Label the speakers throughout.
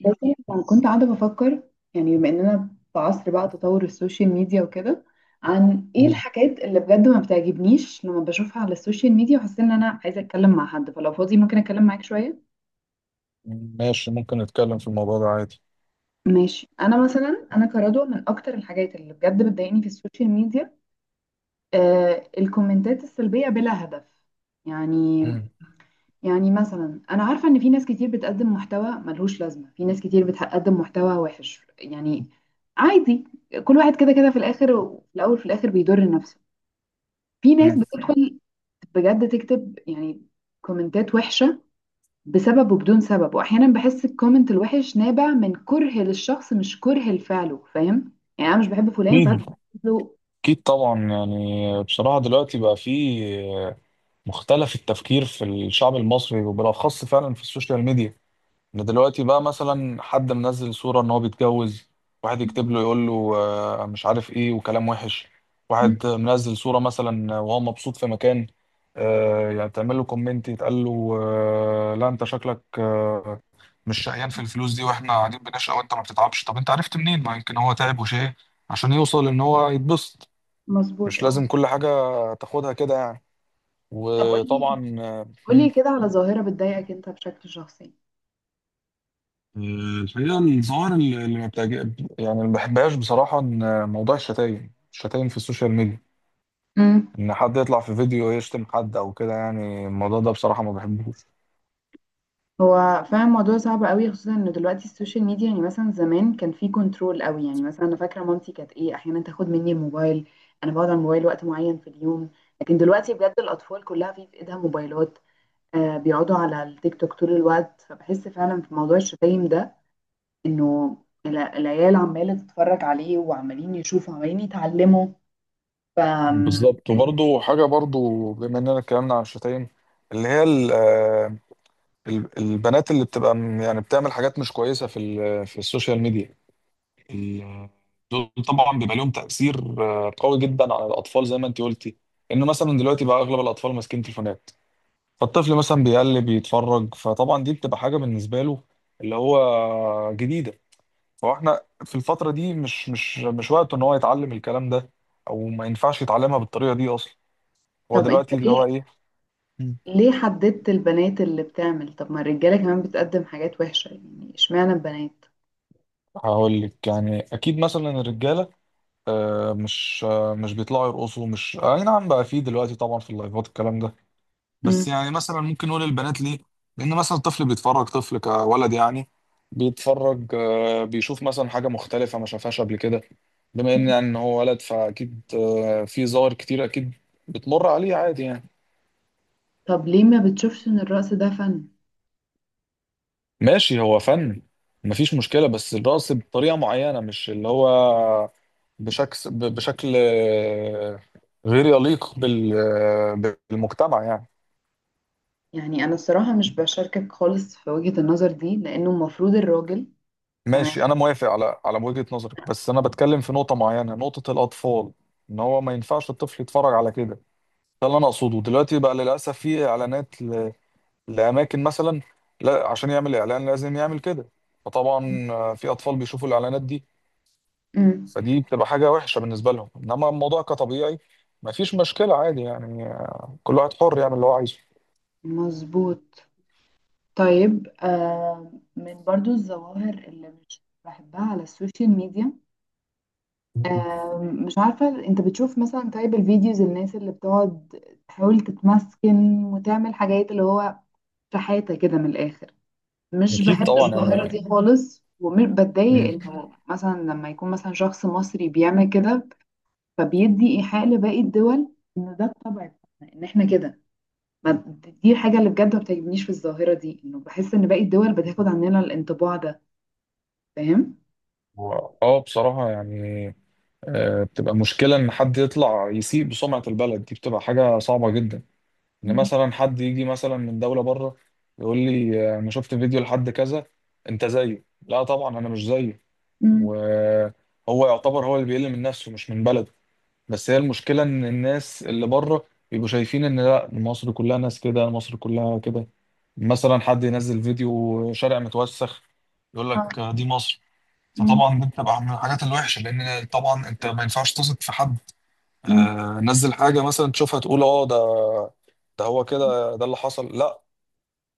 Speaker 1: بس، يعني كنت قاعدة بفكر، يعني بما اننا في عصر بقى تطور السوشيال ميديا وكده، عن ايه
Speaker 2: مم.
Speaker 1: الحاجات اللي بجد ما بتعجبنيش لما بشوفها على السوشيال ميديا، وحاسة ان انا عايزة اتكلم مع حد، فلو فاضي ممكن اتكلم معاك شوية.
Speaker 2: ماشي ممكن نتكلم في الموضوع ده عادي.
Speaker 1: ماشي، انا مثلا انا كرضوى، من اكتر الحاجات اللي بجد بتضايقني في السوشيال ميديا، آه الكومنتات السلبية بلا هدف، يعني
Speaker 2: مم.
Speaker 1: يعني مثلا انا عارفه ان في ناس كتير بتقدم محتوى ملهوش لازمه، في ناس كتير بتقدم محتوى وحش، يعني عادي. كل واحد كده كده في الاخر، وفي الاول في الاخر بيضر نفسه. في ناس
Speaker 2: مم.
Speaker 1: بتدخل بجد تكتب يعني كومنتات وحشه، بسبب وبدون سبب، واحيانا بحس الكومنت الوحش نابع من كره للشخص، مش كره لفعله، فاهم؟ يعني انا مش بحب فلان
Speaker 2: أكيد.
Speaker 1: فانا له.
Speaker 2: أكيد طبعا. يعني بصراحة دلوقتي بقى في مختلف التفكير في الشعب المصري وبالأخص فعلا في السوشيال ميديا، إن دلوقتي بقى مثلا حد منزل صورة إن هو بيتجوز، واحد يكتب له يقول له مش عارف إيه وكلام وحش. واحد منزل صورة مثلا وهو مبسوط في مكان، يعني تعمل له كومنت يتقال له لا أنت شكلك مش شقيان في الفلوس دي واحنا قاعدين بنشقى وانت ما بتتعبش. طب انت عرفت منين؟ ما يمكن هو تعب وشقى عشان يوصل ان هو يتبسط.
Speaker 1: مظبوط،
Speaker 2: مش
Speaker 1: اه.
Speaker 2: لازم كل حاجة تاخدها كده يعني.
Speaker 1: طب قولي،
Speaker 2: وطبعا
Speaker 1: قولي كده على ظاهره بتضايقك انت بشكل شخصي؟
Speaker 2: الحقيقة الظاهر اللي ما بتعجب يعني اللي ما بحبهاش بصراحة، إن موضوع الشتايم في السوشيال ميديا، إن حد يطلع في فيديو يشتم حد أو كده، يعني الموضوع ده بصراحة ما بحبوش.
Speaker 1: هو فعلا الموضوع صعب قوي، خصوصا ان دلوقتي السوشيال ميديا، يعني مثلا زمان كان في كنترول قوي، يعني مثلا انا فاكره مامتي كانت ايه احيانا تاخد مني الموبايل. انا بقعد على الموبايل وقت معين في اليوم. لكن دلوقتي بجد الاطفال كلها في ايدها موبايلات. آه، بيقعدوا على التيك توك طول الوقت، فبحس فعلا في موضوع الشتايم ده، انه العيال عماله تتفرج عليه، وعمالين يشوفوا عمالين يتعلموا. ف
Speaker 2: بالظبط. وبرضه حاجة برضه، بما إننا اتكلمنا عن الشتايم، اللي هي البنات اللي بتبقى يعني بتعمل حاجات مش كويسة في في السوشيال ميديا، ال- دول طبعا بيبقى لهم تأثير قوي جدا على الأطفال زي ما أنت قلتي، إنه مثلا دلوقتي بقى أغلب الأطفال ماسكين تليفونات، فالطفل مثلا بيقلب يتفرج، فطبعا دي بتبقى حاجة بالنسبة له اللي هو جديدة. فاحنا في الفترة دي مش وقته إن هو يتعلم الكلام ده، أو ما ينفعش يتعلمها بالطريقة دي أصلا. هو
Speaker 1: طب انت
Speaker 2: دلوقتي اللي هو
Speaker 1: ليه
Speaker 2: إيه،
Speaker 1: ليه حددت البنات اللي بتعمل؟ طب ما الرجاله كمان بتقدم حاجات وحشه، يعني اشمعنى البنات؟
Speaker 2: هقول لك. يعني أكيد مثلا الرجالة مش مش بيطلعوا يرقصوا، مش اي نعم بقى فيه دلوقتي طبعا في اللايفات الكلام ده، بس يعني مثلا ممكن نقول البنات ليه، لان مثلا الطفل بيتفرج، طفل كولد يعني، بيتفرج بيشوف مثلا حاجه مختلفه ما شافهاش قبل كده، بما ان يعني إن هو ولد، فاكيد في ظواهر كتير اكيد بتمر عليه عادي يعني.
Speaker 1: طب ليه ما بتشوفش ان الرقص ده فن؟
Speaker 2: ماشي هو فن، مفيش مشكله، بس الرقص بطريقه معينه مش اللي هو بشكل غير يليق بالمجتمع يعني.
Speaker 1: يعني انا الصراحة مش بشاركك خالص في وجهة النظر دي، لانه المفروض الراجل. تمام.
Speaker 2: ماشي انا موافق على على وجهة نظرك، بس انا بتكلم في نقطة معينة، نقطة الاطفال، ان هو ما ينفعش الطفل يتفرج على كده. ده اللي انا اقصده. دلوقتي بقى للاسف في اعلانات لاماكن مثلا، لا عشان يعمل اعلان لازم يعمل كده، فطبعا في اطفال بيشوفوا الاعلانات دي،
Speaker 1: مم.
Speaker 2: فدي بتبقى حاجة وحشة بالنسبة لهم. انما الموضوع كطبيعي ما فيش مشكلة عادي يعني، كل واحد حر يعمل اللي هو عايزه.
Speaker 1: مظبوط. طيب، من برضو الظواهر اللي مش بحبها على السوشيال ميديا،
Speaker 2: مم.
Speaker 1: آه مش عارفة، انت بتشوف مثلا طيب الفيديوز، الناس اللي بتقعد تحاول تتمسكن وتعمل حاجات اللي هو شحاتة كده من الاخر. مش
Speaker 2: أكيد
Speaker 1: بحب
Speaker 2: طبعا
Speaker 1: الظاهرة
Speaker 2: يعني.
Speaker 1: دي خالص، وبتضايق
Speaker 2: مم.
Speaker 1: انه مثلا لما يكون مثلا شخص مصري بيعمل كده، فبيدي ايحاء لباقي الدول ان ده الطبع بتاعنا، ان احنا كده. ما- دي الحاجة اللي بجد ما بتعجبنيش في الظاهرة دي، انه بحس ان باقي الدول بتاخد عننا الانطباع ده. فاهم؟
Speaker 2: اه بصراحة يعني بتبقى مشكلة إن حد يطلع يسيء بسمعة البلد، دي بتبقى حاجة صعبة جدا، إن
Speaker 1: مم.
Speaker 2: مثلا حد يجي مثلا من دولة بره يقول لي أنا شفت فيديو لحد كذا، أنت زيه. لا طبعا أنا مش زيه.
Speaker 1: مم.
Speaker 2: وهو يعتبر هو اللي بيقل من نفسه مش من بلده، بس هي المشكلة إن الناس اللي بره بيبقوا شايفين إن لا، مصر كلها ناس كده، مصر كلها كده. مثلا حد ينزل فيديو شارع متوسخ يقول
Speaker 1: آه.
Speaker 2: لك دي مصر،
Speaker 1: مم.
Speaker 2: فطبعا دي بتبقى من الحاجات الوحشة، لأن طبعا أنت ما ينفعش تثق في حد
Speaker 1: مم.
Speaker 2: نزل حاجة مثلا تشوفها تقول اه، ده ده هو كده، ده اللي حصل. لا،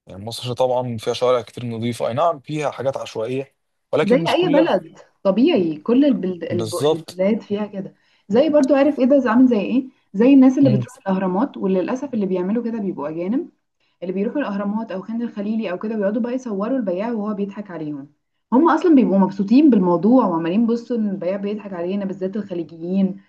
Speaker 2: يعني مصر طبعا فيها شوارع كتير نظيفة، اي نعم فيها حاجات عشوائية،
Speaker 1: زي
Speaker 2: ولكن مش
Speaker 1: اي
Speaker 2: كلها.
Speaker 1: بلد، طبيعي كل البلد،
Speaker 2: بالظبط.
Speaker 1: البلاد فيها كده، زي برضو، عارف ايه ده، عامل زي ايه، زي الناس اللي
Speaker 2: مم.
Speaker 1: بتروح الاهرامات، وللاسف اللي بيعملوا كده بيبقوا اجانب، اللي بيروحوا الاهرامات او خان الخليلي او كده بيقعدوا بقى يصوروا البياع وهو بيضحك عليهم. هم اصلا بيبقوا مبسوطين بالموضوع، وعمالين بصوا ان البياع بيضحك علينا، بالذات الخليجيين،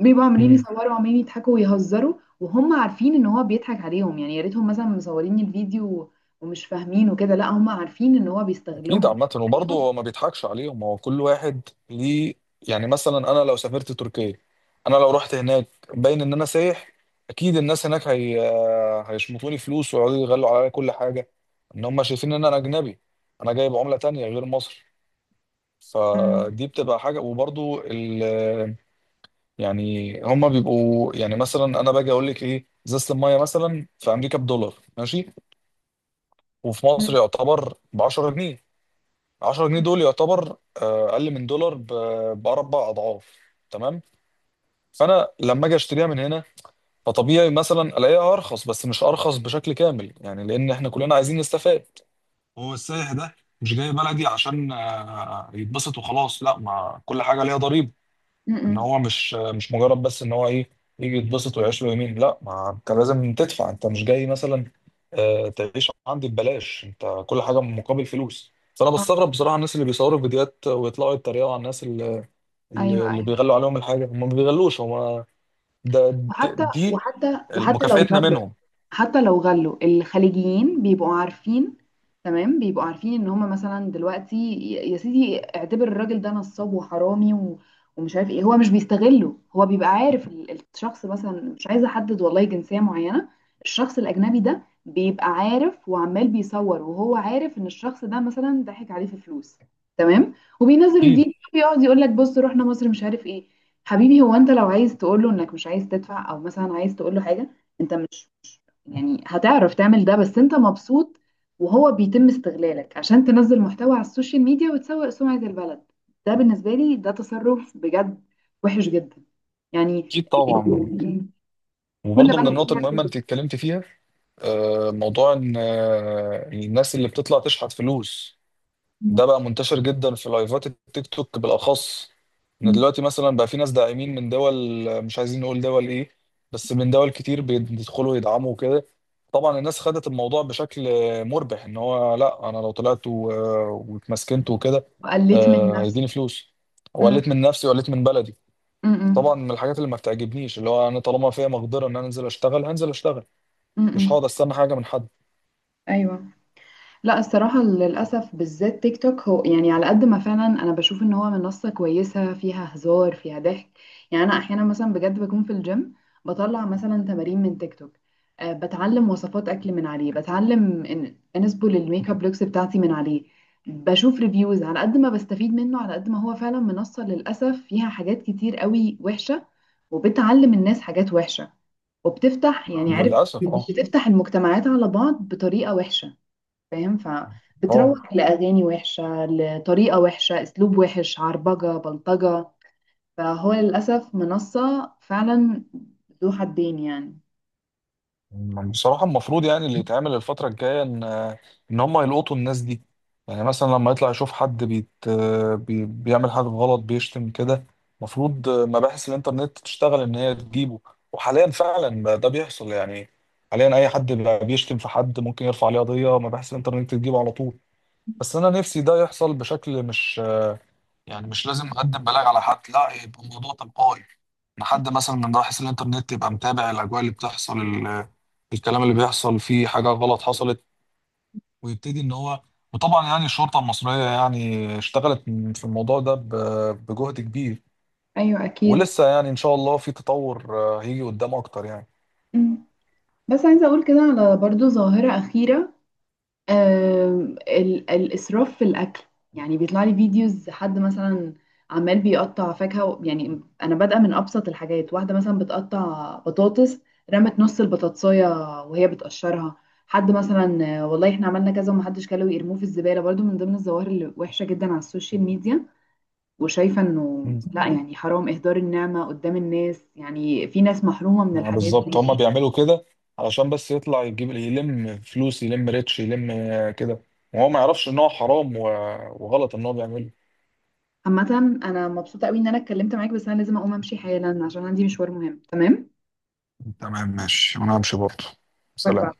Speaker 1: بيبقوا عمالين
Speaker 2: مم.
Speaker 1: يصوروا وعمالين يضحكوا ويهزروا. وهم عارفين ان هو بيضحك عليهم، يعني يا ريتهم مثلا مصورين الفيديو ومش فاهمين وكده، لا، هم عارفين ان هو بيستغلهم
Speaker 2: اكيد. عامة
Speaker 1: وبيضحك
Speaker 2: وبرضه
Speaker 1: عليهم.
Speaker 2: هو ما بيضحكش عليهم، هو كل واحد ليه. يعني مثلا انا لو سافرت تركيا، انا لو رحت هناك، باين ان انا سايح، اكيد الناس هناك هي هيشمطوني فلوس ويقعدوا يغلوا عليا كل حاجة، ان هم شايفين ان انا اجنبي، انا جايب عملة تانية غير مصر،
Speaker 1: أمم.
Speaker 2: فدي بتبقى حاجه. وبرضو ال يعني هما بيبقوا يعني. مثلا انا باجي اقول لك ايه، ازازه الميه مثلا في امريكا بدولار ماشي، وفي مصر
Speaker 1: أمم.
Speaker 2: يعتبر ب 10 جنيه، 10 جنيه دول يعتبر اقل من دولار باربع اضعاف، تمام؟ فانا لما اجي اشتريها من هنا فطبيعي مثلا الاقيها ارخص، بس مش ارخص بشكل كامل، يعني لان احنا كلنا عايزين نستفاد. هو السائح ده مش جاي بلدي عشان يتبسط وخلاص، لا ما كل حاجه ليها ضريبه. ان
Speaker 1: أمم.
Speaker 2: هو مش مجرد بس ان هو ايه، يجي يتبسط ويعيش له يومين، لا ما انت لازم تدفع، انت مش جاي مثلا تعيش عندي ببلاش، انت كل حاجه مقابل فلوس. فانا
Speaker 1: آه.
Speaker 2: بستغرب بصراحه الناس اللي بيصوروا فيديوهات ويطلعوا يتريقوا على الناس اللي, اللي
Speaker 1: ايوه،
Speaker 2: اللي
Speaker 1: ايوه،
Speaker 2: بيغلوا عليهم الحاجه، هم ما بيغلوش هم ده
Speaker 1: وحتى
Speaker 2: دي
Speaker 1: وحتى وحتى لو
Speaker 2: مكافئتنا
Speaker 1: غلوا
Speaker 2: منهم.
Speaker 1: حتى لو غلوا الخليجيين بيبقوا عارفين، تمام، بيبقوا عارفين ان هم مثلا دلوقتي يا سيدي، اعتبر الراجل ده نصاب وحرامي ومش عارف ايه، هو مش بيستغله، هو بيبقى عارف الشخص، مثلا مش عايزه احدد والله جنسيه معينه. الشخص الاجنبي ده بيبقى عارف وعمال بيصور، وهو عارف ان الشخص ده مثلا ضحك عليه في فلوس. تمام. وبينزل
Speaker 2: اكيد.
Speaker 1: الفيديو بيقعد يقول لك: بص، رحنا مصر، مش عارف ايه. حبيبي، هو انت لو عايز تقول له انك مش عايز تدفع، او مثلا عايز تقول له حاجه انت، يعني هتعرف تعمل ده، بس انت مبسوط، وهو بيتم استغلالك عشان تنزل محتوى على السوشيال ميديا وتسوق سمعة البلد. ده بالنسبة لي ده تصرف بجد وحش جدا، يعني.
Speaker 2: اكيد طبعا.
Speaker 1: كل
Speaker 2: وبرضه من
Speaker 1: بلد
Speaker 2: النقط
Speaker 1: فيها.
Speaker 2: المهمه انت اتكلمت فيها موضوع ان الناس اللي بتطلع تشحت فلوس، ده بقى منتشر جدا في لايفات التيك توك بالاخص. ان دلوقتي مثلا بقى في ناس داعمين من دول، مش عايزين نقول دول ايه، بس من دول كتير بيدخلوا يدعموا كده. طبعا الناس خدت الموضوع بشكل مربح، ان هو لا انا لو طلعت واتمسكنت وكده
Speaker 1: قلت من نفس.
Speaker 2: هيديني فلوس،
Speaker 1: م-
Speaker 2: وقلت من نفسي وقلت من بلدي.
Speaker 1: م-
Speaker 2: طبعا
Speaker 1: م-
Speaker 2: من الحاجات اللي ما بتعجبنيش اللي هو انا طالما فيها مقدره ان انا انزل اشتغل، هنزل اشتغل،
Speaker 1: م-
Speaker 2: مش
Speaker 1: م.
Speaker 2: هقعد استنى حاجه من حد.
Speaker 1: ايوه. لا، الصراحة للأسف بالذات تيك توك هو، يعني على قد ما فعلا أنا بشوف إن هو منصة كويسة فيها هزار فيها ضحك، يعني أنا أحيانا مثلا بجد بكون في الجيم، بطلع مثلا تمارين من تيك توك، أه، بتعلم وصفات أكل من عليه، بتعلم إن أنسبل الميك اب لوكس بتاعتي من عليه، بشوف ريفيوز، على قد ما بستفيد منه، على قد ما هو فعلا منصة للأسف فيها حاجات كتير قوي وحشة، وبتعلم الناس حاجات وحشة، وبتفتح
Speaker 2: آه،
Speaker 1: يعني عارف،
Speaker 2: للاسف اه.
Speaker 1: بتفتح المجتمعات على بعض بطريقة وحشة، فاهم؟
Speaker 2: اه
Speaker 1: فبتروح لأغاني وحشة، لطريقة وحشة، أسلوب وحش، عربجة، بلطجة، فهو للأسف منصة فعلا ذو حدين، يعني.
Speaker 2: بصراحة المفروض يعني اللي يتعمل الفترة الجاية إن إن هم يلقطوا الناس دي. يعني مثلا لما يطلع يشوف حد بيت بي بيعمل حاجة غلط بيشتم كده، المفروض مباحث الإنترنت تشتغل إن هي تجيبه. وحاليا فعلا بقى ده بيحصل يعني. حاليا أي حد بقى بيشتم في حد ممكن يرفع عليه قضية، مباحث الإنترنت تجيبه على طول. بس أنا نفسي ده يحصل بشكل مش يعني مش لازم أقدم بلاغ على حد، لا يبقى الموضوع تلقائي. لحد مثلا من راح الانترنت يبقى متابع الاجواء اللي بتحصل، الكلام اللي بيحصل، فيه حاجه غلط حصلت ويبتدي ان هو. وطبعا يعني الشرطه المصريه يعني اشتغلت في الموضوع ده بجهد كبير،
Speaker 1: ايوه، اكيد.
Speaker 2: ولسه يعني ان شاء الله في تطور هيجي قدام اكتر يعني.
Speaker 1: مم. بس عايزة أقول كده على برضو ظاهرة أخيرة، الإسراف في الأكل، يعني بيطلع لي فيديوز حد مثلا عمال بيقطع فاكهة يعني أنا بادئة من أبسط الحاجات، واحدة مثلا بتقطع بطاطس، رمت نص البطاطساية وهي بتقشرها، حد مثلا والله احنا عملنا كذا ومحدش كله يرموه في الزبالة، برضو من ضمن الظواهر اللي وحشة جدا على السوشيال ميديا، وشايفة انه
Speaker 2: مم.
Speaker 1: لا، يعني حرام إهدار النعمة قدام الناس، يعني في ناس محرومة من الحاجات
Speaker 2: بالظبط هما
Speaker 1: دي.
Speaker 2: بيعملوا كده علشان بس يطلع يجيب يلم فلوس، يلم ريتش، يلم كده، وهو ما يعرفش ان هو حرام وغلط ان هو بيعمله.
Speaker 1: عامة أنا مبسوطة أوي إن أنا اتكلمت معاك، بس أنا لازم أقوم أمشي حالا عشان عندي مشوار مهم. تمام؟
Speaker 2: تمام ماشي، وانا همشي برضه.
Speaker 1: باي باي.
Speaker 2: سلام.